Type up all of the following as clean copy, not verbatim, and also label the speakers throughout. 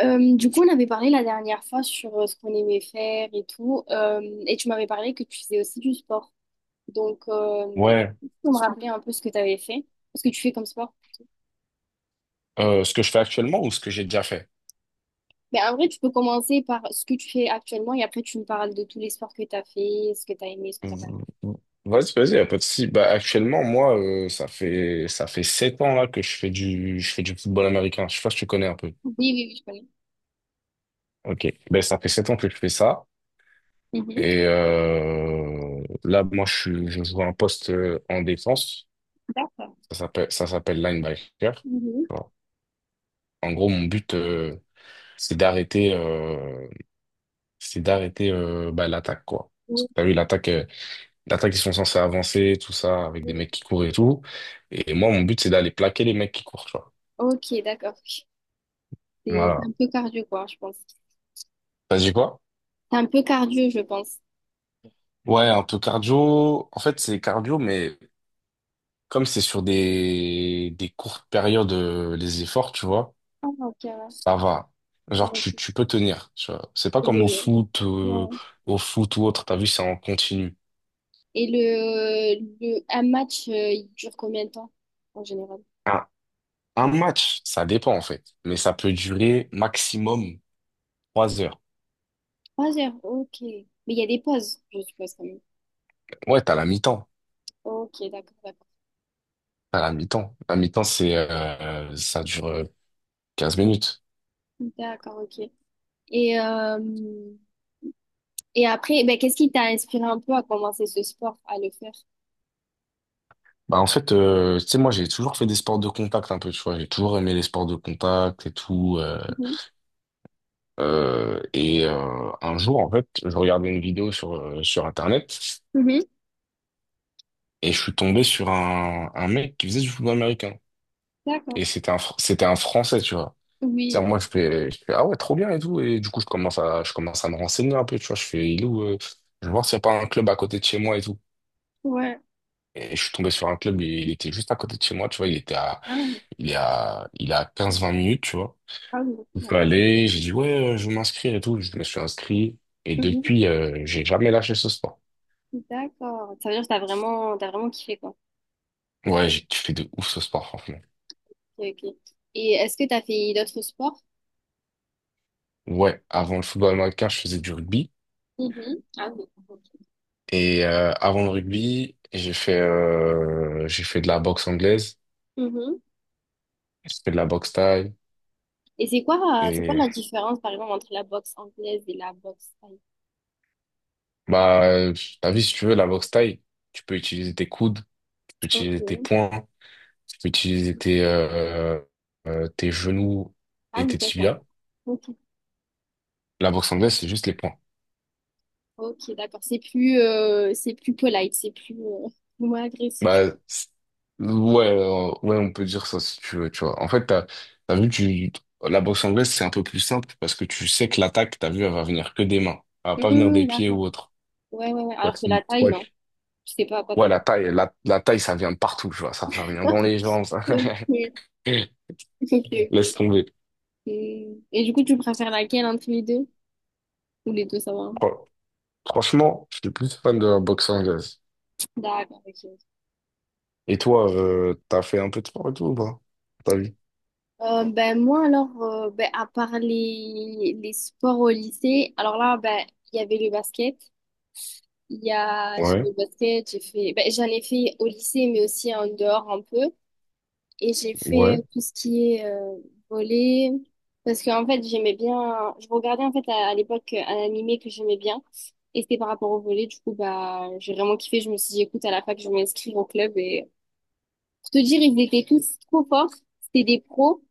Speaker 1: Du coup, on avait parlé la dernière fois sur ce qu'on aimait faire et tout, et tu m'avais parlé que tu faisais aussi du sport. Donc,
Speaker 2: Ouais,
Speaker 1: on me rappeler un peu ce que tu avais fait, ce que tu fais comme sport.
Speaker 2: ce que je fais actuellement ou ce que j'ai déjà fait?
Speaker 1: Mais en vrai, tu peux commencer par ce que tu fais actuellement et après, tu me parles de tous les sports que tu as fait, ce que tu as aimé, ce que tu pas aimé.
Speaker 2: V- Vas-y, vas-y, y a pas de souci. Bah, actuellement, moi, ça fait 7 ans là que je fais du football américain. Je sais pas si tu connais un peu.
Speaker 1: Oui, oui, oui, je connais.
Speaker 2: Ok. Ben ça fait 7 ans que je fais ça.
Speaker 1: Mhm.
Speaker 2: Et là, moi, je joue un poste, en défense.
Speaker 1: D'accord.
Speaker 2: Ça s'appelle linebacker.
Speaker 1: Mhm.
Speaker 2: Voilà. En gros, mon but, c'est d'arrêter euh, c'est d'arrêter, bah, l'attaque quoi. Parce
Speaker 1: Oui,
Speaker 2: que t'as vu l'attaque. L'attaque, ils sont censés avancer, tout ça, avec des
Speaker 1: oui.
Speaker 2: mecs qui courent et tout. Et moi, mon but, c'est d'aller plaquer les mecs qui courent, tu vois.
Speaker 1: Ok, d'accord. C'est un
Speaker 2: Voilà.
Speaker 1: peu cardio, quoi, je pense.
Speaker 2: T'as dit quoi?
Speaker 1: C'est un peu cardio, je pense.
Speaker 2: Ouais, un peu cardio. En fait, c'est cardio, mais comme c'est sur des courtes périodes, les efforts, tu vois,
Speaker 1: Ah, ok, ouais.
Speaker 2: ça va. Genre,
Speaker 1: Ok.
Speaker 2: tu peux tenir, tu vois. C'est pas comme au
Speaker 1: Je-
Speaker 2: foot, euh,
Speaker 1: ouais.
Speaker 2: au foot ou autre, t'as vu, c'est en continu.
Speaker 1: Et le un match, il dure combien de temps en général?
Speaker 2: Un, un match, ça dépend, en fait. Mais ça peut durer maximum 3 heures.
Speaker 1: 3 heures, ok. Mais il y a des pauses, je suppose quand même.
Speaker 2: Ouais, t'as la mi-temps.
Speaker 1: Ok, d'accord, d'accord.
Speaker 2: À la mi-temps. La mi-temps, c'est, ça dure 15 minutes.
Speaker 1: D'accord, ok. Et, euh, et après, ben, qu'est-ce qui t'a inspiré un peu à commencer ce sport, à le faire?
Speaker 2: Bah, en fait, tu sais, moi, j'ai toujours fait des sports de contact un peu, tu vois. J'ai toujours aimé les sports de contact et tout. euh,
Speaker 1: Mhm.
Speaker 2: euh, et euh, un jour, en fait, je regardais une vidéo sur, sur Internet
Speaker 1: Mhm.
Speaker 2: et je suis tombé sur un mec qui faisait du football américain.
Speaker 1: D'accord.
Speaker 2: Et c'était un Français, tu vois.
Speaker 1: Oui.
Speaker 2: C'est-à-dire, moi, je fais, ah ouais, trop bien et tout. Et du coup, je commence à me renseigner un peu, tu vois. Je fais, il est où, je vais voir s'il n'y a pas un club à côté de chez moi et tout.
Speaker 1: Ouais.
Speaker 2: Et je suis tombé sur un club, il était juste à côté de chez moi, tu vois, il était à,
Speaker 1: Ah,
Speaker 2: il est à, il est à 15-20 minutes, tu vois.
Speaker 1: ah oui,
Speaker 2: Je suis
Speaker 1: d'accord.
Speaker 2: allé, j'ai dit, ouais, je veux m'inscrire et tout, je me suis inscrit. Et
Speaker 1: Mhm.
Speaker 2: depuis, j'ai jamais lâché ce sport.
Speaker 1: D'accord. Ça veut dire que t'as vraiment kiffé, quoi.
Speaker 2: Ouais, j'ai kiffé de ouf ce sport, franchement.
Speaker 1: Ok, ok. Et est-ce que t'as fait d'autres sports?
Speaker 2: Ouais, avant le football américain, je faisais du rugby.
Speaker 1: Mhm. Ah oui. Ok.
Speaker 2: Et avant le rugby, j'ai fait de la boxe anglaise,
Speaker 1: Mhm.
Speaker 2: j'ai fait de la boxe thaï.
Speaker 1: Et c'est quoi
Speaker 2: Et
Speaker 1: la différence, par exemple, entre la boxe anglaise et la boxe thaï?
Speaker 2: bah, t'as vu, si tu veux, la boxe thaï, tu peux utiliser tes coudes, tu peux utiliser tes
Speaker 1: Ok.
Speaker 2: poings. Tu peux utiliser tes genoux
Speaker 1: Ah
Speaker 2: et
Speaker 1: oui,
Speaker 2: tes
Speaker 1: d'accord.
Speaker 2: tibias.
Speaker 1: Ok,
Speaker 2: La boxe anglaise, c'est juste les poings.
Speaker 1: ok, d'accord. C'est plus polite, c'est plus, moins agressif.
Speaker 2: Bah, ouais, on peut dire ça si tu veux, tu vois. En fait, t'as vu, la boxe anglaise, c'est un peu plus simple parce que tu sais que l'attaque, t'as vu, elle va venir que des mains. Elle va pas venir
Speaker 1: Hmm,
Speaker 2: des pieds
Speaker 1: d'accord.
Speaker 2: ou autre.
Speaker 1: Ouais, ouais, ouais.
Speaker 2: Ouais,
Speaker 1: Alors que la taille,
Speaker 2: ouais.
Speaker 1: non. Je sais pas à quoi
Speaker 2: Ouais,
Speaker 1: t'attends.
Speaker 2: la taille, ça vient de partout, tu vois. Ça vient dans les jambes. Ça.
Speaker 1: Ok, ok,
Speaker 2: Laisse
Speaker 1: ok.
Speaker 2: tomber.
Speaker 1: Hmm. Et du coup, tu préfères laquelle entre les deux? Ou les deux, ça va, hein?
Speaker 2: Fran- Franchement, je suis plus fan de la boxe anglaise.
Speaker 1: D'accord, ok.
Speaker 2: Et toi, t'as fait un peu de sport et tout ou pas? Ta vie?
Speaker 1: Ben moi alors ben, à part les sports au lycée alors là ben il y avait le basket. J'ai
Speaker 2: Ouais,
Speaker 1: fait le basket, j'ai fait, ben, j'en ai fait au lycée, mais aussi en dehors un peu. Et j'ai fait
Speaker 2: ouais.
Speaker 1: tout ce qui est volley, parce qu'en fait, j'aimais bien, je regardais en fait à l'époque un animé que j'aimais bien, et c'était par rapport au volley. Du coup, bah, j'ai vraiment kiffé. Je me suis dit, écoute, à la fac, je vais m'inscrire au club. Et pour te dire, ils étaient tous trop forts. C'était des pros.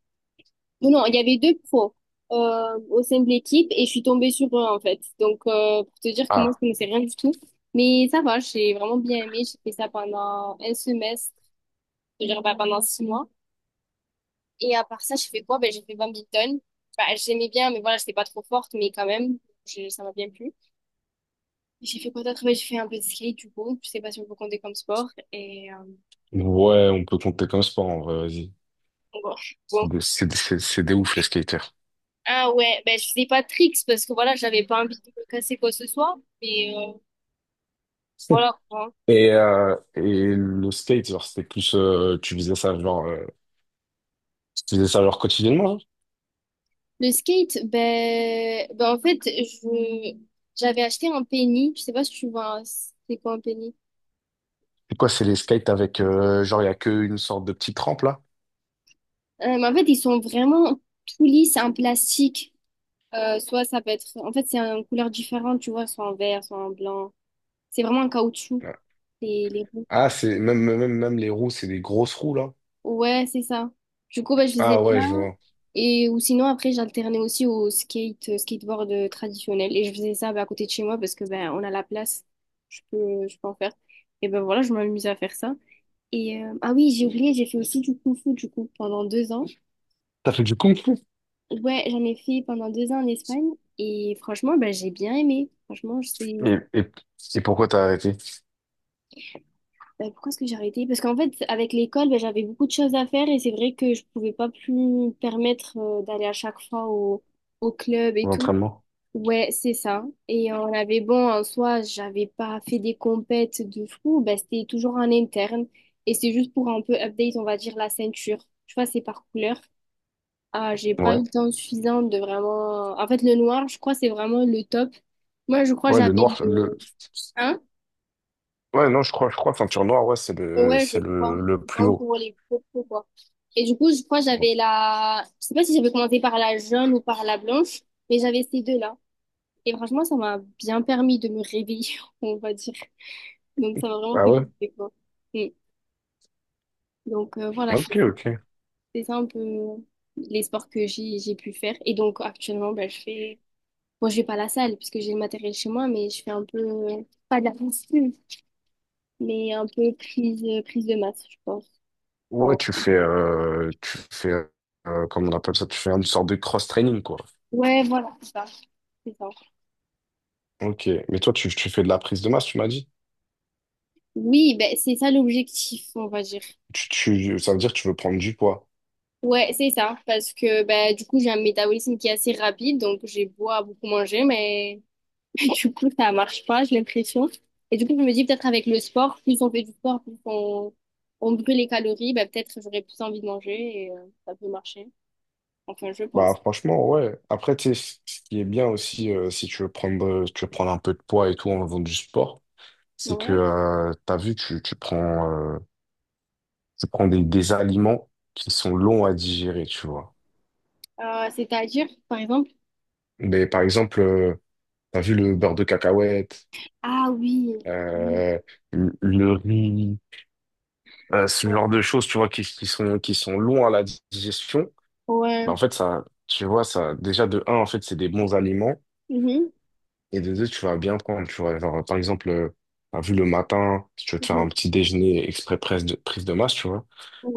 Speaker 1: Non, il y avait deux pros au sein de l'équipe et je suis tombée sur eux en fait. Donc pour te dire que moi je
Speaker 2: Ah,
Speaker 1: connaissais rien du tout. Mais ça va, j'ai vraiment bien aimé. J'ai fait ça pendant un semestre, je veux dire bah, pendant 6 mois. Et à part ça, j'ai fait quoi? Ben, j'ai fait badminton. Bah, j'aimais bien, mais voilà, j'étais pas trop forte, mais quand même, ça m'a bien plu. J'ai fait quoi d'autre? Ben, j'ai fait un peu de skate du coup. Je sais pas si on peut compter comme sport. Et
Speaker 2: ouais, on peut compter comme sport en vrai, vas-y.
Speaker 1: bon. Bon.
Speaker 2: C'est des ouf les skaters.
Speaker 1: Ah ouais, ben, je faisais pas de tricks parce que voilà, j'avais pas envie de me casser quoi que ce soit. Mais voilà.
Speaker 2: Et le skate, genre, c'était plus, tu faisais ça genre, tu faisais ça genre quotidiennement? Genre.
Speaker 1: Le skate, ben en fait, j'avais acheté un penny. Je sais pas si tu vois, c'est quoi un penny?
Speaker 2: C'est quoi, c'est les skates avec, genre, il y a qu'une sorte de petite rampe là?
Speaker 1: Mais en fait, ils sont vraiment tout lisses, c'est un plastique. Soit ça peut être, en fait, c'est une couleur différente, tu vois, soit en vert, soit en blanc. C'est vraiment un caoutchouc,
Speaker 2: Ouais.
Speaker 1: les roues.
Speaker 2: Ah, c'est même, même, même les roues, c'est des grosses roues là.
Speaker 1: Ouais, c'est ça. Du coup, ben, je faisais
Speaker 2: Ah
Speaker 1: ça.
Speaker 2: ouais, je vois.
Speaker 1: Ou sinon, après, j'alternais aussi au skate, skateboard traditionnel. Et je faisais ça, ben, à côté de chez moi parce que, ben, on a la place. Je peux en faire. Et ben voilà, je m'amuse à faire ça. Et ah oui, j'ai oublié, j'ai fait aussi du kung-fu du coup pendant 2 ans.
Speaker 2: T'as fait du kung fu?
Speaker 1: Ouais, j'en ai fait pendant 2 ans en Espagne et franchement, bah, j'ai bien aimé. Franchement, je sais.
Speaker 2: Et, et, et pourquoi t'as arrêté
Speaker 1: Bah, pourquoi est-ce que j'ai arrêté? Parce qu'en fait, avec l'école, bah, j'avais beaucoup de choses à faire et c'est vrai que je pouvais pas plus me permettre d'aller à chaque fois au club et tout.
Speaker 2: l'entraînement?
Speaker 1: Ouais, c'est ça. Et on avait bon en soi, j'avais pas fait des compètes de fou, bah, c'était toujours en interne et c'est juste pour un peu update, on va dire la ceinture. Tu vois, c'est par couleur. Ah, j'ai pas eu
Speaker 2: Ouais.
Speaker 1: le temps suffisant de vraiment. En fait, le noir, je crois, c'est vraiment le top. Moi, je crois,
Speaker 2: Ouais, le
Speaker 1: j'avais
Speaker 2: noir.
Speaker 1: le. Hein?
Speaker 2: Ouais, non, je crois, ceinture noire, ouais, c'est le,
Speaker 1: Ouais, je
Speaker 2: c'est
Speaker 1: crois.
Speaker 2: le, le
Speaker 1: C'est
Speaker 2: plus
Speaker 1: vraiment
Speaker 2: haut.
Speaker 1: pour les propos, quoi. Et du coup, je crois, j'avais la. Je sais pas si j'avais commencé par la jaune ou par la blanche, mais j'avais ces deux-là. Et franchement, ça m'a bien permis de me réveiller, on va dire. Donc, ça m'a vraiment
Speaker 2: Ah
Speaker 1: fait
Speaker 2: ouais?
Speaker 1: kiffer, quoi. Mm. Donc, voilà, c'est
Speaker 2: Ok, ok.
Speaker 1: c'est ça un peu les sports que j'ai pu faire. Et donc, actuellement, ben, je fais. Bon, je vais pas à la salle parce que j'ai le matériel chez moi, mais je fais un peu, pas de la muscu, mais un peu prise de masse, je pense.
Speaker 2: Ouais,
Speaker 1: Bon.
Speaker 2: comment on appelle ça? Tu fais une sorte de cross-training, quoi.
Speaker 1: Ouais, voilà, c'est ça, c'est ça.
Speaker 2: Ok. Mais toi, tu fais de la prise de masse, tu m'as dit?
Speaker 1: Oui, ben, c'est ça l'objectif, on va dire.
Speaker 2: Ça veut dire que tu veux prendre du poids.
Speaker 1: Ouais, c'est ça, parce que ben, du coup, j'ai un métabolisme qui est assez rapide, donc j'ai beau à beaucoup manger, mais du coup, ça marche pas, j'ai l'impression. Et du coup, je me dis peut-être avec le sport, plus on fait du sport, plus on brûle les calories, ben, peut-être j'aurais plus envie de manger et ça peut marcher. Enfin, je
Speaker 2: Bah,
Speaker 1: pense.
Speaker 2: franchement, ouais. Après, tu sais, ce qui est bien aussi, si tu veux prendre un peu de poids et tout en faisant du sport, c'est que,
Speaker 1: Ouais.
Speaker 2: t'as vu, tu prends des aliments qui sont longs à digérer, tu vois.
Speaker 1: C'est-à-dire, par exemple,
Speaker 2: Mais par exemple, t'as vu le beurre de cacahuète,
Speaker 1: ah oui. Mhm.
Speaker 2: euh, le riz, ce
Speaker 1: Ouais,
Speaker 2: genre de choses, tu vois, qui sont longs à la digestion. Bah,
Speaker 1: ouais.
Speaker 2: en fait, ça, tu vois, ça, déjà, de un, en fait, c'est des bons aliments.
Speaker 1: Mhm.
Speaker 2: Et de deux, tu vas bien prendre, tu vois. Genre, par exemple, t'as vu le matin, si tu veux te faire un
Speaker 1: Mhm.
Speaker 2: petit déjeuner exprès prise de masse, tu vois.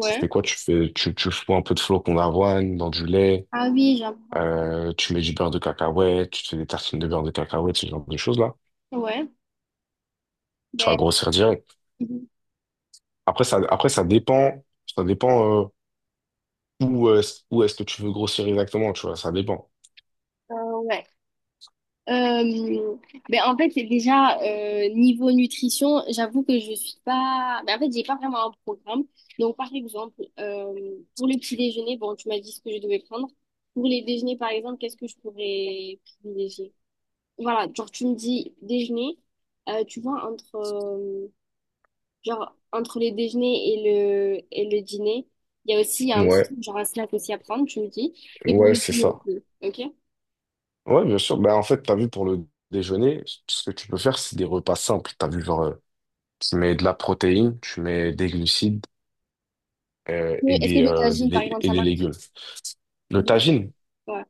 Speaker 2: Tu fais quoi? Tu fous un peu de flocons d'avoine dans du lait,
Speaker 1: ah oui, j'apprends.
Speaker 2: tu mets du beurre de cacahuète, tu te fais des tartines de beurre de cacahuète, ce genre de choses-là.
Speaker 1: Ouais,
Speaker 2: Tu vas
Speaker 1: ben.
Speaker 2: grossir direct.
Speaker 1: Mhm.
Speaker 2: Après, ça dépend où est-ce que tu veux grossir exactement, tu vois, ça dépend.
Speaker 1: Ouais. Euh, ben, en fait, c'est déjà niveau nutrition, j'avoue que je suis pas, ben, en fait, j'ai pas vraiment un programme. Donc, par exemple, pour le petit déjeuner, bon, tu m'as dit ce que je devais prendre. Pour les déjeuners, par exemple, qu'est-ce que je pourrais privilégier? Voilà, genre, tu me dis déjeuner, tu vois, entre. Genre, entre le déjeuner et le dîner, il y a aussi un petit
Speaker 2: Ouais,
Speaker 1: truc, genre un snack aussi à prendre, tu me dis. Et pour
Speaker 2: ouais,
Speaker 1: le
Speaker 2: c'est
Speaker 1: dîner
Speaker 2: ça.
Speaker 1: aussi, ok?
Speaker 2: Ouais, bien sûr. Bah, en fait, t'as vu pour le déjeuner, ce que tu peux faire, c'est des repas simples. T'as vu, genre, tu mets de la protéine, tu mets des glucides
Speaker 1: Mais est-ce que le tagine, par exemple,
Speaker 2: et
Speaker 1: ça
Speaker 2: des
Speaker 1: marche?
Speaker 2: légumes.
Speaker 1: C'est
Speaker 2: Le
Speaker 1: bien.
Speaker 2: tagine,
Speaker 1: Ouais.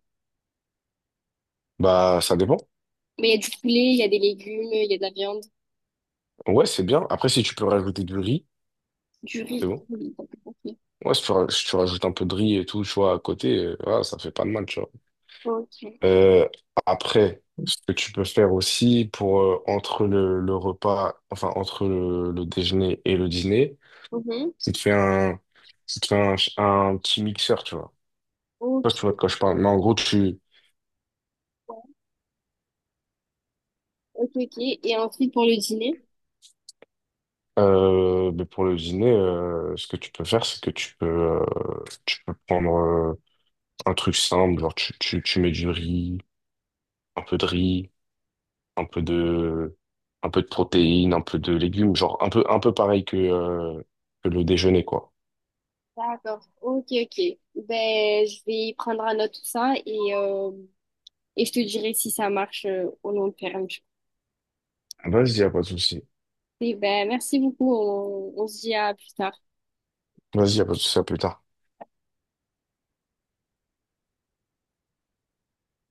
Speaker 2: bah, ça dépend.
Speaker 1: Mais il y a du poulet, il y a des légumes, il y a de la viande,
Speaker 2: Ouais, c'est bien. Après, si tu peux rajouter du riz,
Speaker 1: du
Speaker 2: c'est
Speaker 1: riz.
Speaker 2: bon.
Speaker 1: Ok.
Speaker 2: Ouais, si tu rajoutes un peu de riz et tout, tu vois, à côté, voilà, ça fait pas de mal, tu vois.
Speaker 1: Ok.
Speaker 2: Euh, Après, ce que tu peux faire aussi pour, entre le repas, enfin, entre le déjeuner et le dîner,
Speaker 1: Mhm.
Speaker 2: c'est de faire un petit mixeur, tu vois.
Speaker 1: Ok.
Speaker 2: Je sais pas si tu vois de quoi je parle, mais en gros,
Speaker 1: Ok, ok. Et ensuite, pour le dîner?
Speaker 2: mais pour le dîner, ce que tu peux faire, c'est que tu peux prendre, un truc simple, genre, tu, tu mets du riz, un peu de riz, un peu de, un peu de protéines, un peu de légumes, genre un peu pareil que le déjeuner, quoi.
Speaker 1: D'accord. Ok, ok. Ben, je vais prendre à note tout ça et je te dirai si ça marche au long terme.
Speaker 2: Vas-y, y a pas de souci.
Speaker 1: Et ben, merci beaucoup. On se dit à plus tard.
Speaker 2: Vas-y, y a pas de souci, à plus tard.